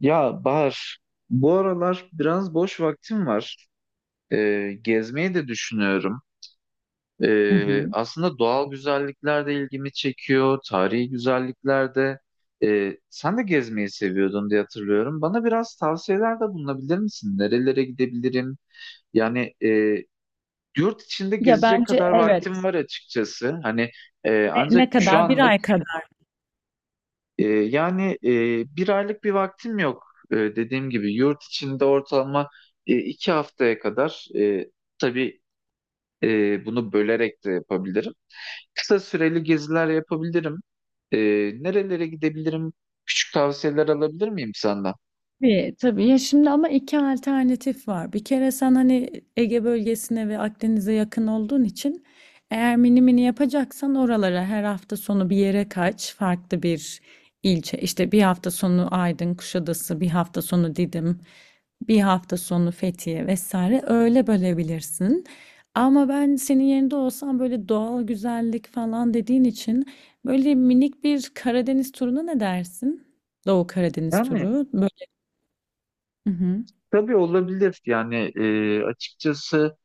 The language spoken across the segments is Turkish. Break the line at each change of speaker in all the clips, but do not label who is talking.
Ya Bahar, bu aralar biraz boş vaktim var. Gezmeyi de düşünüyorum.
Hı hı.
Aslında doğal güzellikler de ilgimi çekiyor, tarihi güzellikler de. Sen de gezmeyi seviyordun diye hatırlıyorum. Bana biraz tavsiyelerde bulunabilir misin? Nerelere gidebilirim? Yani yurt içinde
Ya
gezecek
bence
kadar vaktim
evet.
var açıkçası. Hani
Ne,
ancak
ne
şu
kadar? Bir
anlık.
ay kadar.
Yani bir aylık bir vaktim yok. Dediğim gibi yurt içinde ortalama iki haftaya kadar, tabii bunu bölerek de yapabilirim. Kısa süreli geziler yapabilirim. Ee, Nerelere gidebilirim? Küçük tavsiyeler alabilir miyim senden?
Tabii, tabii. Ya şimdi ama iki alternatif var. Bir kere sen hani Ege bölgesine ve Akdeniz'e yakın olduğun için eğer mini mini yapacaksan oralara her hafta sonu bir yere kaç, farklı bir ilçe. İşte bir hafta sonu Aydın, Kuşadası, bir hafta sonu Didim, bir hafta sonu Fethiye vesaire öyle bölebilirsin. Ama ben senin yerinde olsam böyle doğal güzellik falan dediğin için böyle minik bir Karadeniz turuna ne dersin? Doğu Karadeniz
Yani
turu. Hı hı.
tabii olabilir. Yani açıkçası.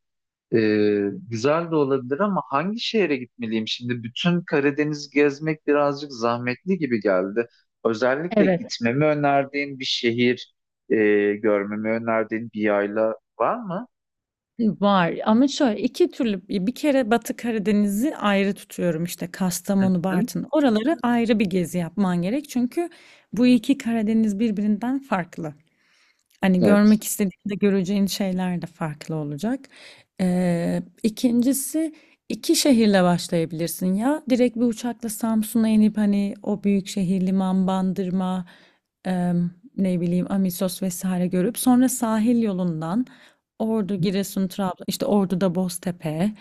Güzel de olabilir ama hangi şehre gitmeliyim şimdi? Bütün Karadeniz gezmek birazcık zahmetli gibi geldi. Özellikle
Evet.
gitmemi önerdiğin bir şehir, e, görmemi önerdiğin bir yayla var mı?
Var ama şöyle 2 türlü bir kere Batı Karadeniz'i ayrı tutuyorum, işte,
Hı
Kastamonu,
hı.
Bartın oraları ayrı bir gezi yapman gerek çünkü bu 2 Karadeniz birbirinden farklı. Hani
Evet.
görmek istediğinde göreceğin şeyler de farklı olacak. İkincisi iki şehirle başlayabilirsin ya. Direkt bir uçakla Samsun'a inip hani o büyük şehir liman, Bandırma, em, ne bileyim Amisos vesaire görüp sonra sahil yolundan Ordu, Giresun, Trabzon, işte Ordu'da Boztepe,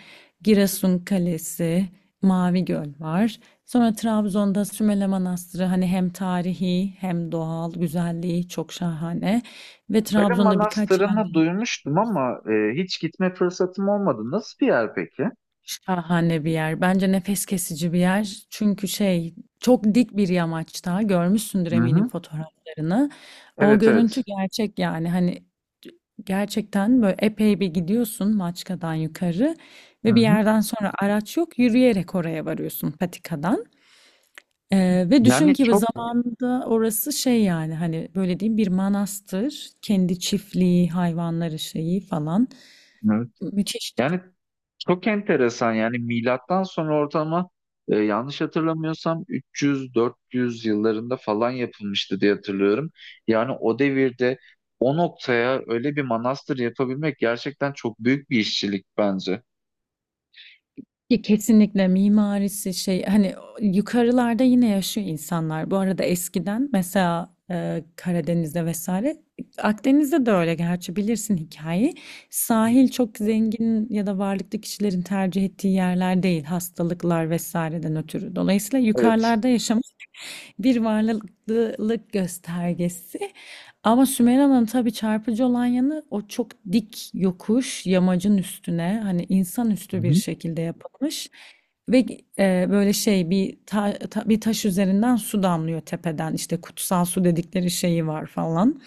Giresun Kalesi, Mavi Göl var. Sonra Trabzon'da Sümele Manastırı hani hem tarihi hem doğal güzelliği çok şahane. Ve
Böyle
Trabzon'da birkaç yerde
manastırını duymuştum ama hiç gitme fırsatım olmadı. Nasıl bir yer peki?
şahane bir yer. Bence nefes kesici bir yer. Çünkü çok dik bir yamaçta görmüşsündür
Hı
eminim
hı.
fotoğraflarını. O
Evet,
görüntü
evet.
gerçek yani hani gerçekten böyle epey bir gidiyorsun Maçka'dan yukarı
Hı
ve bir
hı.
yerden sonra araç yok yürüyerek oraya varıyorsun patikadan. Ve düşün
Yani
ki bu
çok.
zamanında orası şey yani hani böyle diyeyim bir manastır kendi çiftliği hayvanları şeyi falan
Evet.
müthiş.
Yani çok enteresan yani milattan sonra ortalama yanlış hatırlamıyorsam 300-400 yıllarında falan yapılmıştı diye hatırlıyorum. Yani o devirde o noktaya öyle bir manastır yapabilmek gerçekten çok büyük bir işçilik bence.
Ki kesinlikle mimarisi şey hani yukarılarda yine yaşıyor insanlar. Bu arada eskiden mesela Karadeniz'de vesaire Akdeniz'de de öyle gerçi bilirsin hikayeyi. Sahil çok zengin ya da varlıklı kişilerin tercih ettiği yerler değil hastalıklar vesaireden ötürü. Dolayısıyla
Evet.
yukarılarda yaşam bir varlıklılık göstergesi. Ama Sümeyra'nın tabii çarpıcı olan yanı o çok dik yokuş yamacın üstüne hani
Hı
insanüstü bir
hı.
şekilde yapılmış ve böyle şey bir bir taş üzerinden su damlıyor tepeden işte kutsal su dedikleri şeyi var falan.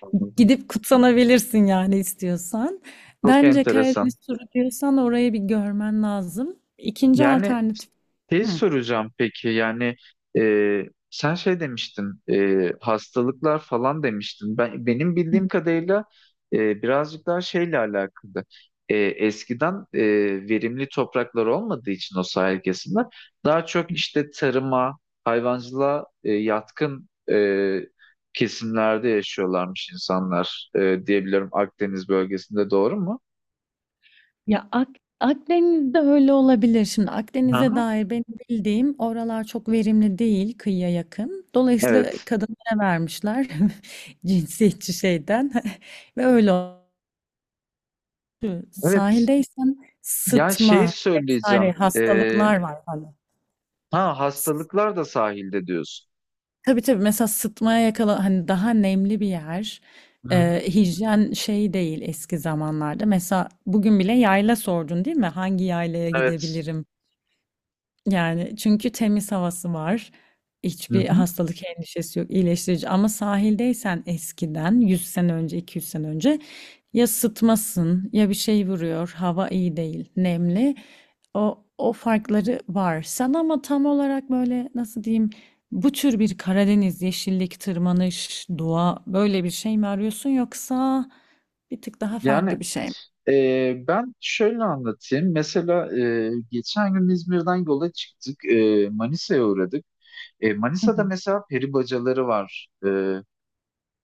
Anladım.
Gidip kutsanabilirsin yani istiyorsan.
Çok
Bence
enteresan.
Karadeniz turu diyorsan orayı bir görmen lazım. İkinci
Yani
alternatif.
tez
Hı.
soracağım peki yani, e, sen şey demiştin, hastalıklar falan demiştin. Benim bildiğim kadarıyla birazcık daha şeyle alakalı. Eskiden verimli topraklar olmadığı için o sahil kesimler daha çok işte tarıma, hayvancılığa yatkın kesimlerde yaşıyorlarmış insanlar, diyebilirim. Akdeniz bölgesinde doğru mu?
Ya Ak Akdeniz'de öyle olabilir. Şimdi Akdeniz'e
Aha,
dair benim bildiğim oralar çok verimli değil kıyıya yakın. Dolayısıyla
evet.
kadınlara vermişler cinsiyetçi şeyden ve öyle oldu.
Evet.
Sahildeysen
Ya şey
sıtma vesaire
söyleyeceğim.
hastalıklar var hani.
Ha,
S-
hastalıklar da sahilde diyorsun.
Tabii tabii mesela sıtmaya yakala hani daha nemli bir yer.
Hı hı.
Hijyen şey değil eski zamanlarda. Mesela bugün bile yayla sordun değil mi? Hangi yaylaya
Evet.
gidebilirim? Yani, çünkü temiz havası var.
Hı
Hiçbir
hı.
hastalık endişesi yok, iyileştirici ama sahildeysen eskiden 100 sene önce, 200 sene önce ya sıtmasın ya bir şey vuruyor, hava iyi değil, nemli. O farkları var. Sen ama tam olarak böyle nasıl diyeyim, bu tür bir Karadeniz, yeşillik, tırmanış, doğa böyle bir şey mi arıyorsun yoksa bir tık daha
Yani
farklı bir şey mi?
ben şöyle anlatayım. Mesela geçen gün İzmir'den yola çıktık. Manisa'ya uğradık. Manisa'da mesela peri bacaları var.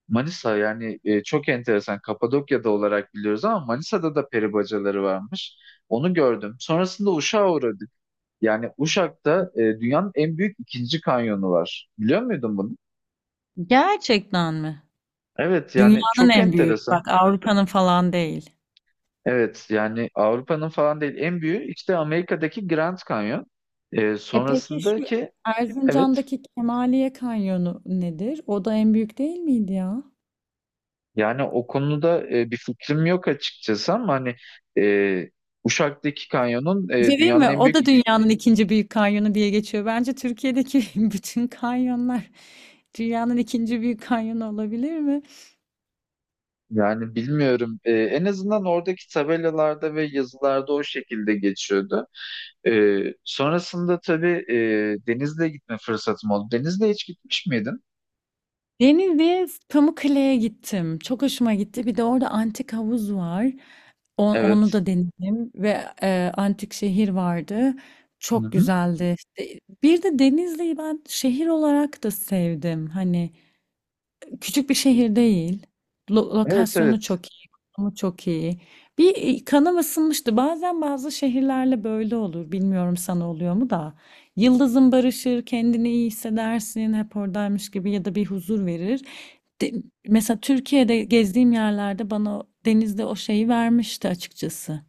Manisa yani çok enteresan. Kapadokya'da olarak biliyoruz ama Manisa'da da peri bacaları varmış. Onu gördüm. Sonrasında Uşak'a uğradık. Yani Uşak'ta dünyanın en büyük ikinci kanyonu var. Biliyor muydun bunu?
Gerçekten mi?
Evet, yani
Dünyanın
çok
en büyük,
enteresan.
bak Avrupa'nın falan değil.
Evet, yani Avrupa'nın falan değil, en büyüğü işte Amerika'daki Grand Canyon.
E peki şu
Sonrasındaki evet,
Erzincan'daki Kemaliye Kanyonu nedir? O da en büyük değil miydi ya?
yani o konuda bir fikrim yok açıkçası ama hani, e, Uşak'taki kanyonun
Bir şey diyeyim
dünyanın
mi?
en
O
büyük
da dünyanın ikinci büyük kanyonu diye geçiyor. Bence Türkiye'deki bütün kanyonlar dünyanın ikinci büyük kanyonu olabilir mi?
yani bilmiyorum. En azından oradaki tabelalarda ve yazılarda o şekilde geçiyordu. E, Sonrasında tabii Denizli'ye gitme fırsatım oldu. Denizli'ye hiç gitmiş miydin?
Denizli'ye, Pamukkale'ye gittim. Çok hoşuma gitti. Bir de orada antik havuz var. Onu
Evet.
da denedim ve antik şehir vardı.
Hı
Çok
hı.
güzeldi. İşte bir de Denizli'yi ben şehir olarak da sevdim. Hani küçük bir şehir değil.
Evet,
Lokasyonu
evet.
çok iyi, konumu çok iyi. Kanım ısınmıştı. Bazen bazı şehirlerle böyle olur. Bilmiyorum sana oluyor mu da. Yıldızın barışır, kendini iyi hissedersin, hep oradaymış gibi ya da bir huzur verir. De- Mesela Türkiye'de gezdiğim yerlerde bana denizde o şeyi vermişti açıkçası.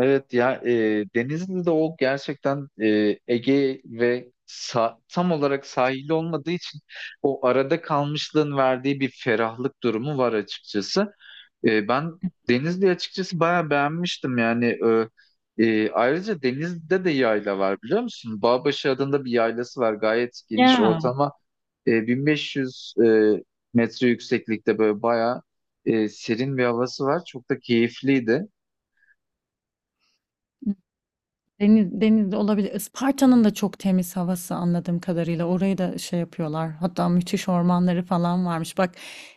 Evet ya, Denizli'de o gerçekten Ege ve tam olarak sahili olmadığı için o arada kalmışlığın verdiği bir ferahlık durumu var açıkçası. Ben Denizli'yi açıkçası bayağı beğenmiştim yani. Ayrıca Denizli'de de yayla var biliyor musun? Bağbaşı adında bir yaylası var, gayet geniş
Ya.
ortama 1500 metre yükseklikte, böyle bayağı serin bir havası var, çok da keyifliydi.
Deniz olabilir. Isparta'nın da çok temiz havası anladığım kadarıyla. Orayı da şey yapıyorlar. Hatta müthiş ormanları falan varmış. Bak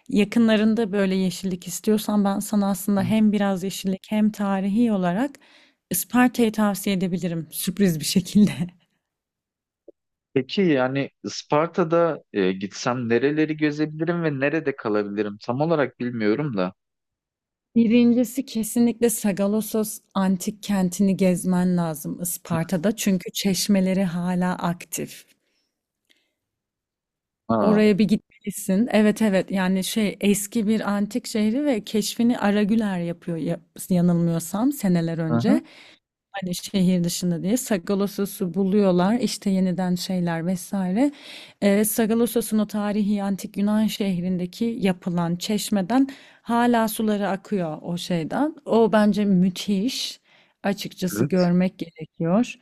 yakınlarında böyle yeşillik istiyorsan ben sana aslında hem biraz yeşillik hem tarihi olarak Isparta'yı tavsiye edebilirim sürpriz bir şekilde.
Peki yani Isparta'da gitsem nereleri gezebilirim ve nerede kalabilirim? Tam olarak bilmiyorum da.
Birincisi kesinlikle Sagalassos antik kentini gezmen lazım
Hı.
Isparta'da. Çünkü çeşmeleri hala aktif.
Aa,
Oraya bir gitmelisin. Evet evet yani şey eski bir antik şehri ve keşfini Aragüler yapıyor yanılmıyorsam seneler
hı hı.
önce. Hani şehir dışında diye Sagalassos'u buluyorlar işte yeniden şeyler vesaire. Sagalassos'un o tarihi antik Yunan şehrindeki yapılan çeşmeden hala suları akıyor o şeyden. O bence müthiş açıkçası
Evet.
görmek gerekiyor.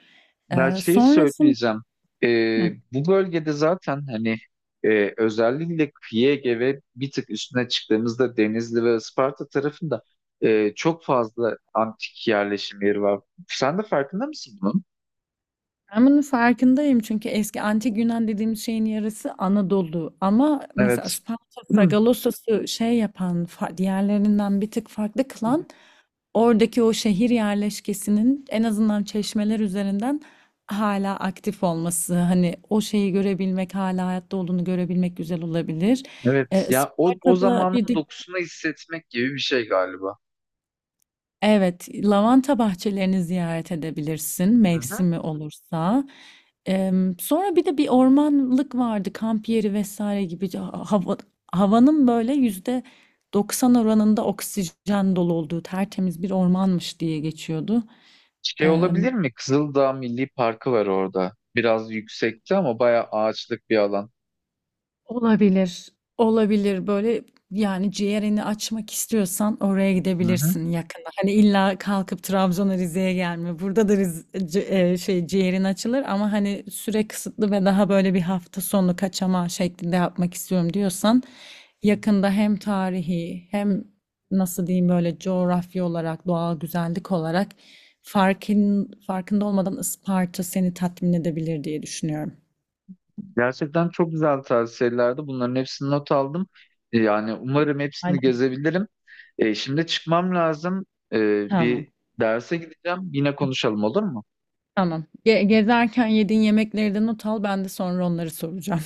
Ya şeyi
Sonrasında...
söyleyeceğim. Bu bölgede zaten hani özellikle kıyı Ege ve bir tık üstüne çıktığımızda Denizli ve Isparta tarafında çok fazla antik yerleşim yeri var. Sen de farkında mısın bunun?
Ben bunun farkındayım çünkü eski antik Yunan dediğimiz şeyin yarısı Anadolu ama mesela
Evet.
Isparta,
Hı.
Sagalassos'u şey yapan, diğerlerinden bir tık farklı kılan oradaki o şehir yerleşkesinin en azından çeşmeler üzerinden hala aktif olması. Hani o şeyi görebilmek, hala hayatta olduğunu görebilmek güzel olabilir.
Evet. Ya o
Isparta'da
zamanın
bir de
dokusunu hissetmek gibi bir şey galiba.
evet, lavanta bahçelerini ziyaret edebilirsin mevsimi olursa. Sonra bir de bir ormanlık vardı, kamp yeri vesaire gibi. Havanın böyle yüzde 90 oranında oksijen dolu olduğu tertemiz bir ormanmış diye geçiyordu.
Şey olabilir mi? Kızıldağ Milli Parkı var orada. Biraz yüksekte ama bayağı ağaçlık bir alan.
Olabilir. Olabilir böyle yani ciğerini açmak istiyorsan oraya
Hı hı.
gidebilirsin yakında. Hani illa kalkıp Trabzon'a Rize'ye gelme. Burada da ciğerin açılır ama hani süre kısıtlı ve daha böyle bir hafta sonu kaçama şeklinde yapmak istiyorum diyorsan yakında hem tarihi hem nasıl diyeyim böyle coğrafya olarak doğal güzellik olarak farkın farkında olmadan Isparta seni tatmin edebilir diye düşünüyorum.
Gerçekten çok güzel tavsiyelerdi. Bunların hepsini not aldım. Yani umarım hepsini
Hadi.
gezebilirim. Şimdi çıkmam lazım. E,
Tamam.
Bir derse gideceğim. Yine konuşalım, olur mu?
Tamam. Gezerken yediğin yemekleri de not al. Ben de sonra onları soracağım.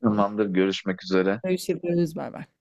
Tamamdır. Görüşmek üzere.
Görüşürüz. Bay bay.